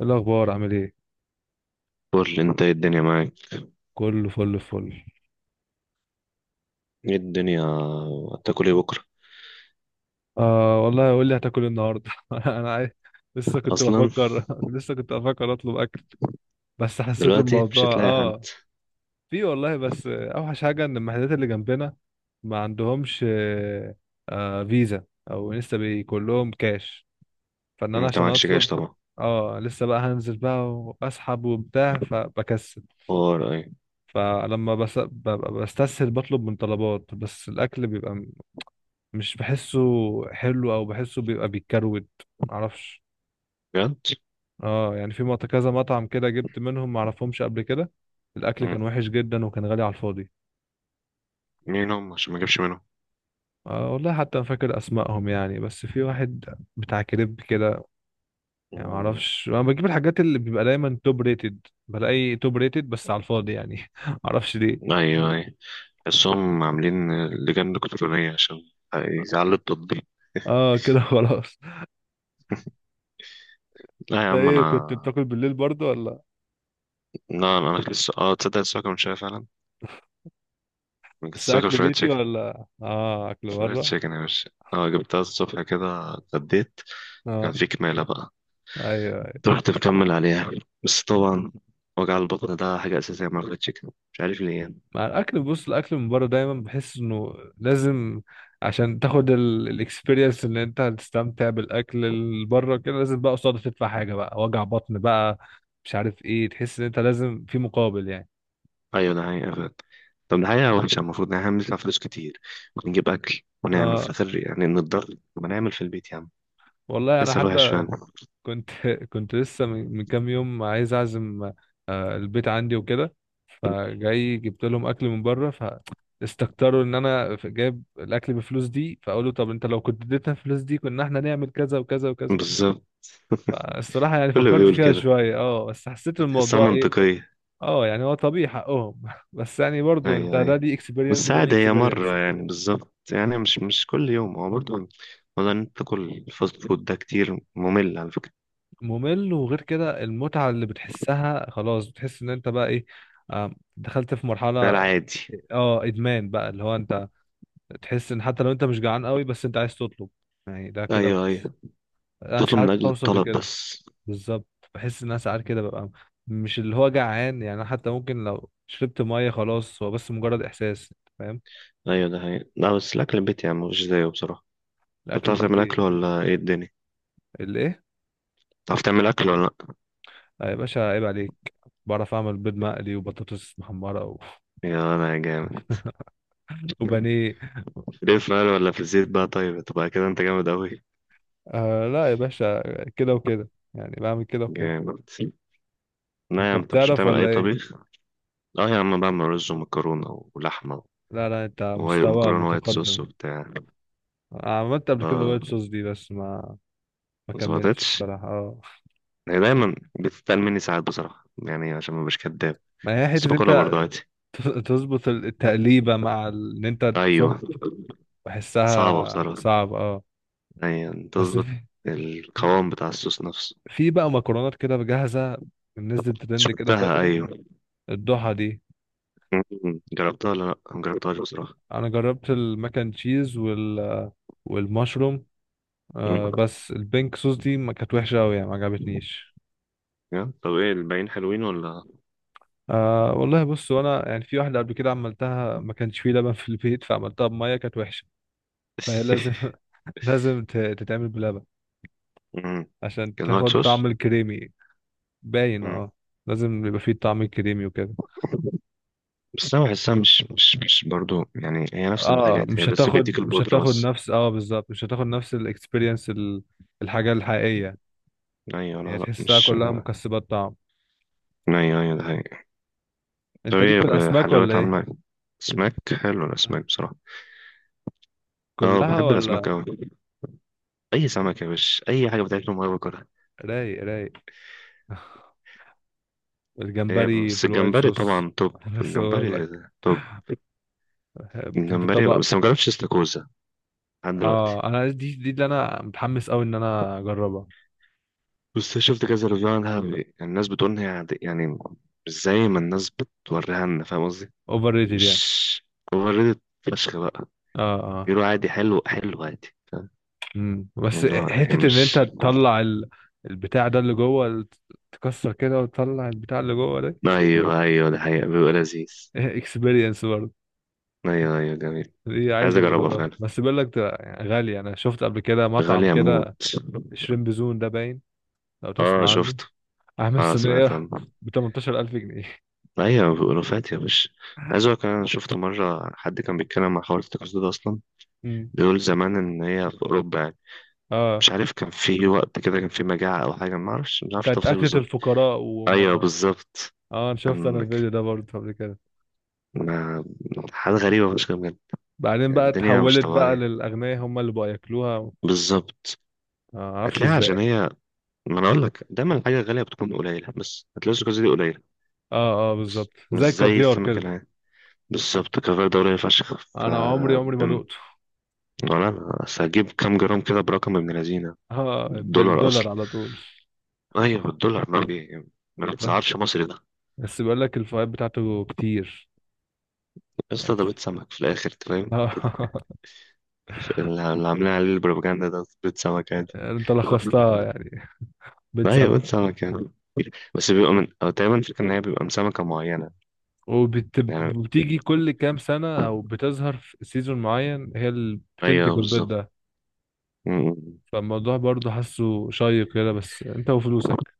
إيه الأخبار عامل إيه؟ قول انت، ايه الدنيا معاك؟ كله فل فل. ايه الدنيا؟ هتاكل ايه بكره؟ آه والله، قول لي هتاكل إيه النهاردة؟ أنا عايز. لسه كنت اصلا، بفكر لسه كنت بفكر أطلب أكل، بس حسيت دلوقتي مش الموضوع هتلاقي حد. في والله، بس أوحش حاجة إن المحلات اللي جنبنا ما عندهمش فيزا، أو لسه بي كلهم كاش، فإن أنا انت عشان معكش جيش أطلب طبعا. لسه بقى هنزل بقى وأسحب وبتاع فبكسل. حوار ايه؟ فلما ببقى بستسهل بطلب من طلبات، بس الأكل بيبقى مش بحسه حلو، او بحسه بيبقى بيتكروت، معرفش. بجد؟ اه يعني في كذا مطعم كده جبت منهم معرفهمش قبل كده. الاكل مم. كان وحش جدا وكان غالي على الفاضي. مين هم عشان ما اجيبش منهم؟ آه والله حتى انا فاكر اسمائهم يعني، بس في واحد بتاع كريب كده. يعني مم. معرفش، انا بجيب الحاجات اللي بيبقى دايما توب ريتد، بلاقي توب ريتد بس على الفاضي يعني. معرفش ليه. ايوه، ايوه، بس هم عاملين لجان الكترونيه عشان يزعلوا التطبيق. اه كده خلاص. لا يا ده عم ايه، انا. كنت بتاكل بالليل برضو ولا لا انا لسه، تصدق لسه واكل من شويه فعلا. انا كنت بس لسه واكل اكل فرايد بيتي، تشيكن. ولا اه اكل فرايد بره؟ تشيكن يا باشا، جبتها الصبح كده اتغديت. كان اه في كماله بقى، ايوه. رحت مكمل عليها، بس طبعا وجع البطن ده حاجة أساسية مع الفرايد تشيكن، مش عارف ليه يعني. مع الاكل، بص الاكل من بره دايما بحس انه لازم عشان تاخد الاكسبيرينس ان انت هتستمتع بالاكل اللي بره كده، لازم بقى قصاده تدفع حاجه بقى، وجع بطن بقى، مش عارف ايه، تحس ان انت لازم في مقابل يعني. أيوة ده حقيقة فعلا. طب ده حقيقة وحشة، المفروض إن إحنا بندفع فلوس كتير ونجيب أكل ونعمل في اه الآخر يعني نتضرر، طب نعمل في البيت يا عم. والله انا كسل وحش حتى فعلا. كنت كنت لسه من كام يوم عايز اعزم البيت عندي وكده، فجاي جبت لهم اكل من بره، فاستكتروا ان انا جايب الاكل بفلوس دي، فقالوا طب انت لو كنت اديتنا الفلوس دي كنا احنا نعمل كذا وكذا وكذا. بالظبط. الصراحة يعني كله فكرت بيقول فيها كده، شوية، اه بس حسيت تحسها الموضوع ايه. منطقية. اه يعني هو طبيعي، حقهم بس يعني برضو انت أيوة، ده أيوة، دي اكسبيرينس بس وده دي عادي هي اكسبيرينس. مرة يعني، بالظبط يعني مش كل يوم هو برضه. والله إن أنت تاكل الفاست فود ده كتير ممل على فكرة. ممل، وغير كده المتعة اللي بتحسها خلاص، بتحس ان انت بقى ايه، دخلت في مرحلة ده العادي. اه ادمان بقى، اللي هو انت تحس ان حتى لو انت مش جعان قوي بس انت عايز تطلب، يعني ده كده أيوة، بحس. أيوة، انا تطلب من ساعات أجل بوصل الطلب لكده. بس. بالظبط، بحس ان انا ساعات كده ببقى مش اللي هو جعان يعني، أنا حتى ممكن لو شربت ميه خلاص، هو بس مجرد احساس، فاهم. ايوه ده حقيقي، لا بس الاكل البيتي يعني مفيش زيه بصراحه. انت الاكل بتعرف تعمل اكل البيتي. ولا ايه الدنيا؟ الايه؟ بتعرف تعمل اكل ولا لا؟ يا باشا عيب عليك، بعرف اعمل بيض مقلي وبطاطس محمره و... يا انا يا جامد. وبانيه. ليه، في مقلي ولا في الزيت بقى؟ طيب تبقى كده انت جامد قوي. آه لا يا باشا، كده وكده يعني، بعمل كده وكده. جامد. لا يا انت عم انت مش بتعرف بتعمل ولا اي ايه؟ طبيخ. اه يا عم، بعمل رز ومكرونه ولحمه، لا لا انت ووايت مستوى مكرونه وايت صوص متقدم. وبتاع. أنا عملت قبل كده اه، وايت صوص دي بس ما ما كملتش ظبطتش. الصراحه اه. هي دايما بتتقل مني ساعات بصراحه يعني، عشان ما بش كداب. ما هي بس حته باكلها انت برضه عادي. تظبط التقليبه مع ان انت تصب، ايوه، صعبه بحسها بصراحه. صعب اه. ايوه، بس تظبط في، القوام بتاع الصوص نفسه. في بقى مكرونات كده جاهزه نزلت ترند كده شفتها، فتره ايوه. الضحى دي. مم. جربتها ولا لا، ما جربتهاش بصراحه. انا جربت الماك اند تشيز والمشروم، آه مم. بس البينك صوص دي ما كانت وحشه قوي يعني، ما عجبتنيش. يا طب ايه الباقيين حلوين ولا؟ آه والله بص، وانا يعني في واحده قبل كده عملتها ما كانش فيه لبن في البيت فعملتها بميه، كانت وحشه. فهي لازم لازم تتعمل بلبن مم. عشان كان وايت تاخد طعم صوص. الكريمي، باين مم. اه. لازم يبقى فيه الطعم الكريمي وكده. بس انا بحسها مش برضو، يعني هي نفس اه الحاجات هي، مش بس بيديك هتاخد مش البودرة هتاخد بس. نفس اه بالظبط، مش هتاخد نفس الاكسبيرينس، الحاجه الحقيقيه. ايوه، هي لا لا، تحسها مش. كلها ايوه، مكسبات طعم. ايوه ده حقيقي. طب انت ليك ايه، في الاسماك ولا بحلويات ايه؟ عاملة إيه؟ اسماك، حلو الاسماك بصراحة. اه كلها بحب ولا؟ الاسماك اوي. اي سمك يا باشا، اي حاجة بتاكل ما باكلها. رايق رايق. هي الجمبري بس بالوايت الجمبري صوص طبعا، توب بس اقول الجمبري. لك، توب الجمبري، بطبق. بس ما جربتش استاكوزا لحد دلوقتي. اه انا دي اللي انا متحمس قوي ان انا اجربها. بس شفت كذا ريفيو عنها يعني، الناس بتقول ان هي عادي- يعني، مش زي ما الناس بتوريها لنا، فاهم قصدي. اوفر ريتد يعني، مش اوفر. فشخ بقى. اه اه. بيقولوا عادي، حلو، حلو عادي، فاهم؟ امم، بس يعني اللي هو يعني حته ان انت مش. تطلع ال... البتاع ده اللي جوه، تكسر كده وتطلع البتاع اللي جوه ده. ايوه، ايوه، ده حقيقة بيبقى لذيذ. اكسبيرينس برضه. ايوه، ايوه جميل. دي عايز عايز ابقى اجربها اجربها، فعلا. بس بيقول لك ده يعني غالي. انا شفت قبل كده مطعم غالية كده، موت. شريمب زون ده باين، لو اه تسمع عنه. شفته. عامل اه، سمعت صينيه عنه. ب 18,000 جنيه. ايوه بيقولوا فات يا باشا. عايز اقول لك، انا شفت مرة حد كان بيتكلم مع حوار التكسر ده اصلا. مم. بيقول زمان ان هي في اوروبا يعني. اه مش عارف، كان في وقت كده كان في مجاعة أو حاجة، ما أعرفش كانت تفاصيل أكلة بالظبط. الفقراء أيوه وما. بالظبط. اه انا شفت انا كان، الفيديو ده برضه قبل كده. ما حاجة غريبة مش كده بجد؟ بعدين يعني بقى الدنيا مش اتحولت بقى طبيعية. للأغنياء هم اللي بقى ياكلوها بالظبط، معرفش هتلاقيها عشان ازاي. هي، ما أنا أقول لك دايما الحاجة الغالية بتكون قليلة، بس هتلاقي الزجاجة دي قليلة، اه اه بس بالظبط، مش زي زي الكافيار السمك كده. العادي. بالظبط، كفر ده قليل فشخ ف، انا عمري ما بم- دقته. ولا أنا أصل هجيب كام جرام كده برقم ابن لذينة. اه، دولار بالدولار أصلا. على طول. أيوه الدولار، ما بس بيتسعرش مصري ده. بس بيقول لك الفوائد بتاعته كتير يا اسطى، يعني، ده بيت سمك في الآخر. اه. اللي عاملين عليه البروباجندا ده بيض سمكة دي. يعني انت لخصتها يعني، أيوة، بتسبب. بيض سمكة يعني، بس بيبقى من، أو تقريبا الفكرة إن هي بيبقى من سمكة معينة، يعني. وبتيجي كل كام سنة او بتظهر في سيزون معين هي اللي أيوة بتنتج البيض بالظبط. ده. م- م. فالموضوع برضه حاسه شيق كده، بس انت وفلوسك.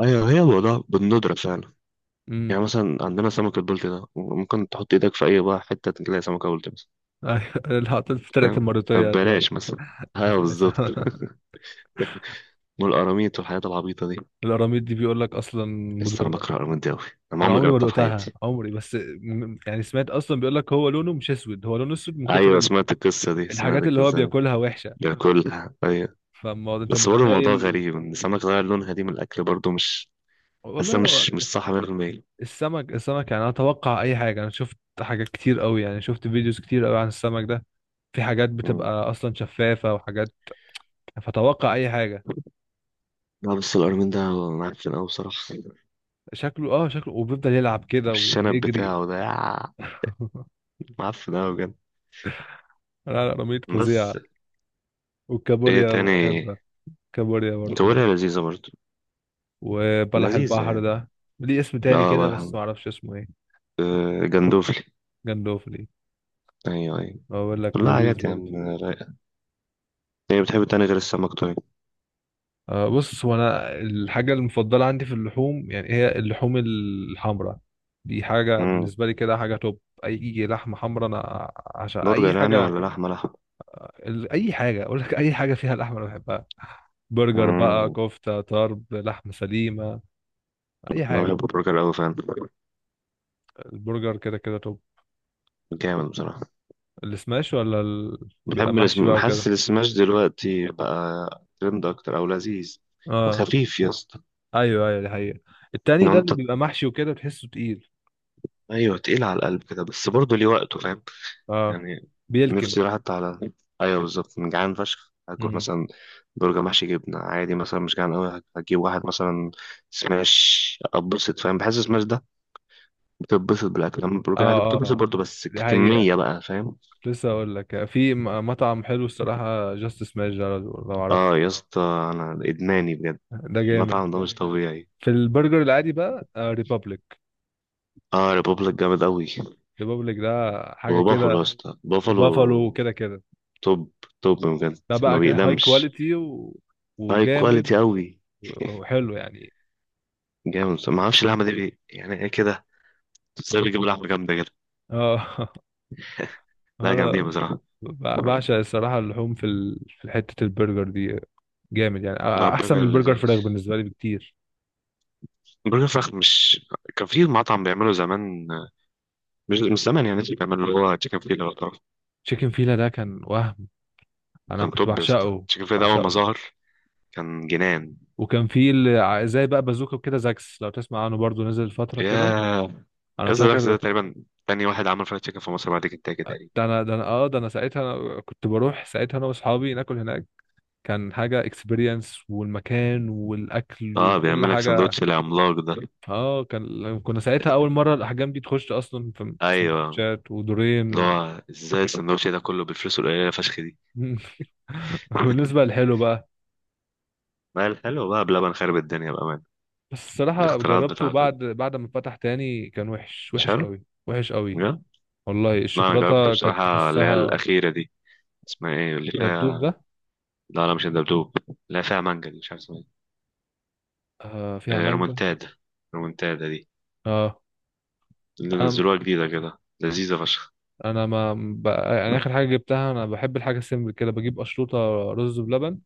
أيوة هي الموضوع بالندرة فعلا. امم. يعني مثلا عندنا سمكة بلطي ده، ممكن تحط إيدك في أي بقى حتة تلاقي سمكة بلطي مثلا. اللي حطيت في طلعت فاهم، المرتية هتلاقي، فبلاش مثلا. أيوة هتلاقي. بالظبط. والقراميط والحاجات العبيطة دي، القراميط دي بيقول لك اصلا بس أنا مضرة. بكره القراميط دي أوي. أنا ما انا عمري عمري ما جربتها في دقتها حياتي. عمري، بس يعني سمعت اصلا، بيقول لك هو لونه مش اسود، هو لونه اسود من كتر أيوة سمعت القصة دي، سمعت الحاجات اللي هو القصة دي. بياكلها وحشة. باكلها، أيوة. فالموضوع انت بس برضه الموضوع متخيل. غريب ان السمك غير لونها دي من الاكل، برضه مش، حاسه والله هو مش صح 100%. السمك يعني انا اتوقع اي حاجة، انا شفت حاجات كتير قوي يعني، شفت فيديوز كتير قوي عن السمك ده. في حاجات مم. بتبقى اصلا شفافة وحاجات، فتوقع اي حاجة. لا بس القرمين ده معفن قوي بصراحه. شكله اه، شكله وبيفضل يلعب كده والشنب ويجري. بتاعه ده يا، معفن قوي بجد. لا لا، رميت فظيعة. بس ايه والكابوريا تاني؟ بحبها. كابوريا برضه حلو. كوريا لذيذه برضه. وبلح لذيذه البحر يعني. ده ليه اسم تاني اه كده بس بقى، ما اعرفش اسمه ايه. آه، جندوفلي. جندوفلي. ايوه، ايوه. بقول لك كلها لذيذ حاجات يا برضه. عم رايقه. ايه بتحب تاني غير السمك طيب؟ آه بص، هو انا الحاجة المفضلة عندي في اللحوم يعني هي اللحوم الحمراء. دي حاجة مم. بالنسبة لي كده حاجة توب، أي لحمة حمراء أنا عشان أي برجر يعني حاجة. ولا لحمه لحمه؟ أي حاجة أقول لك، أي حاجة فيها لحمة أنا بحبها. برجر بقى، مم. كفتة، طرب، لحمة سليمة، اي انا حاجه. بحب البرجر قوي فعلا. البرجر كده كده، طب جامد بصراحه. السماش ولا ال...؟ بيبقى بحب محشي بقى الاسم، حاسس وكده، السماش دلوقتي بقى ترند اكتر، او لذيذ. اه. وخفيف يا اسطى، ايوه ايوه دي حقيقه. التاني ان ده انت. اللي بيبقى محشي وكده تحسه تقيل، ايوه تقيل على القلب كده، بس برضه ليه وقته، فاهم اه يعني. بيلكم. نفسي راحت على، ايوه بالظبط، من جعان فشخ هاكل امم، مثلا برجر محشي جبنه عادي، مثلا مش جعان قوي هجيب واحد مثلا سماش، اتبسط، فاهم. بحس سماش ده بتتبسط بالاكل، اما البرجر عادي اه اه بتتبسط آه، برضه بس دي حقيقه. كميه بقى، فاهم. كنت لسه اقول لك في مطعم حلو الصراحه، جاست سماش ده لو لو عارفه، اه يا اسطى، انا ادماني بجد، ده جامد. المطعم ده مش طبيعي. في البرجر العادي بقى ريبابليك، اه، ريبوبليك جامد قوي. ريبابليك ده حاجه وبافلو كده. يا اسطى، بافلو وبافالو وكده كده. توب. توب بجد. ده ما بقى هاي بيقدمش، كواليتي و... هاي كواليتي وجامد قوي. وحلو يعني، جامد، ما اعرفش اللحمه دي يعني ايه كده؟ ازاي بيجيبوا لحمه جامده كده؟ اه. لا جامدين انا بصراحه. بعشق الصراحه اللحوم في ال... في حته البرجر دي جامد يعني، لا احسن برجر من برجر لذيذ، فراخ بالنسبه لي بكتير. برجر فراخ مش. كان في مطعم بيعمله زمان، مش زمان يعني، لسه بيعمله، اللي هو تشيكن فيلا لو تعرف. تشيكن فيلا ده كان وهم، انا كان كنت توب يا اسطى، بعشقه، تشيكن فيلا ده اول ما بعشقه. ظهر كان جنان. وكان في زي بقى بازوكا كده، زاكس لو تسمع عنه برضو، نزل فتره كده ياه، يا انا اسطى ده فاكر. تقريبا تاني واحد عمل فرايد تشيكن في مصر بعد كنتاكي تقريبا. ده انا ساعتها أنا كنت بروح ساعتها انا واصحابي ناكل هناك، كان حاجه اكسبيرينس، والمكان والاكل اه وكل بيعمل لك حاجه، سندوتش العملاق ده. اه. كان كنا ساعتها اول مره الاحجام دي تخش اصلا في في ايوه، سندوتشات اللي ودورين. هو ازاي السندوتش ده كله بالفلوس القليله فشخ دي. مم. بالنسبة للحلو بقى، ما هي الحلو بقى بلبن خارب الدنيا بأمان. بس الصراحة الاختراعات جربته بتاعته بعد دي بعد ما فتح تاني كان وحش، مش وحش حلو قوي وحش قوي. بجد. والله لا أنا جربت الشوكولاتة كانت بصراحة اللي هي تحسها. الأخيرة دي. اسمها إيه اللي دبدوب ده. فيها؟ لا لا مش الدبدوب. لا فيها مانجا دي، مش عارف اسمها. آه فيها إيه آه، مانجا، رومونتادا، رومونتادا دي، اه. اللي انا نزلوها جديدة كده لذيذة فشخ. انا ما بقى يعني اخر حاجة جبتها، انا بحب الحاجة سيمبل كده، بجيب اشروطة، رز بلبن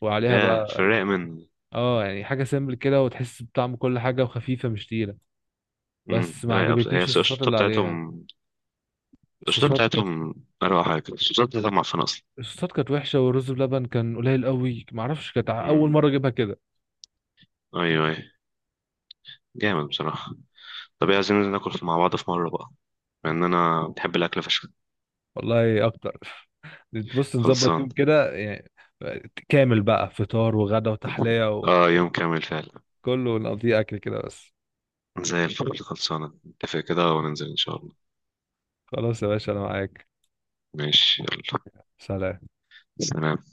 وعليها يا في بقى الرايق من، اه. يعني حاجة سيمبل كده وتحس بطعم كل حاجة، وخفيفة مش تقيلة. بس ما رايقة، بس هي عجبتنيش الصوصات الشطة اللي عليها. بتاعتهم، الشطة الصوصات. بتاعتهم أروع حاجة، الشطة بتاعتهم معفنة أصلا. الصوصات كانت وحشة، والرز بلبن كان قليل قوي، معرفش كانت أول امم. مرة أجيبها كده. أيوه، أيوه. جامد بصراحة. طب ايه عايزين ناكل مع بعض في مرة بقى، لأن أنا بحب الأكل فشخ. والله اكتر. بص نظبط خلصان. يوم كده يعني كامل بقى، فطار وغدا وتحلية، اه، يوم كامل فعلا. وكله نقضيه اكل كده بس. زي الفل، خلصانة، نتفق كده وننزل إن شاء الله. خلاص يا باشا انا معاك. ماشي يلا. سلام. سلام.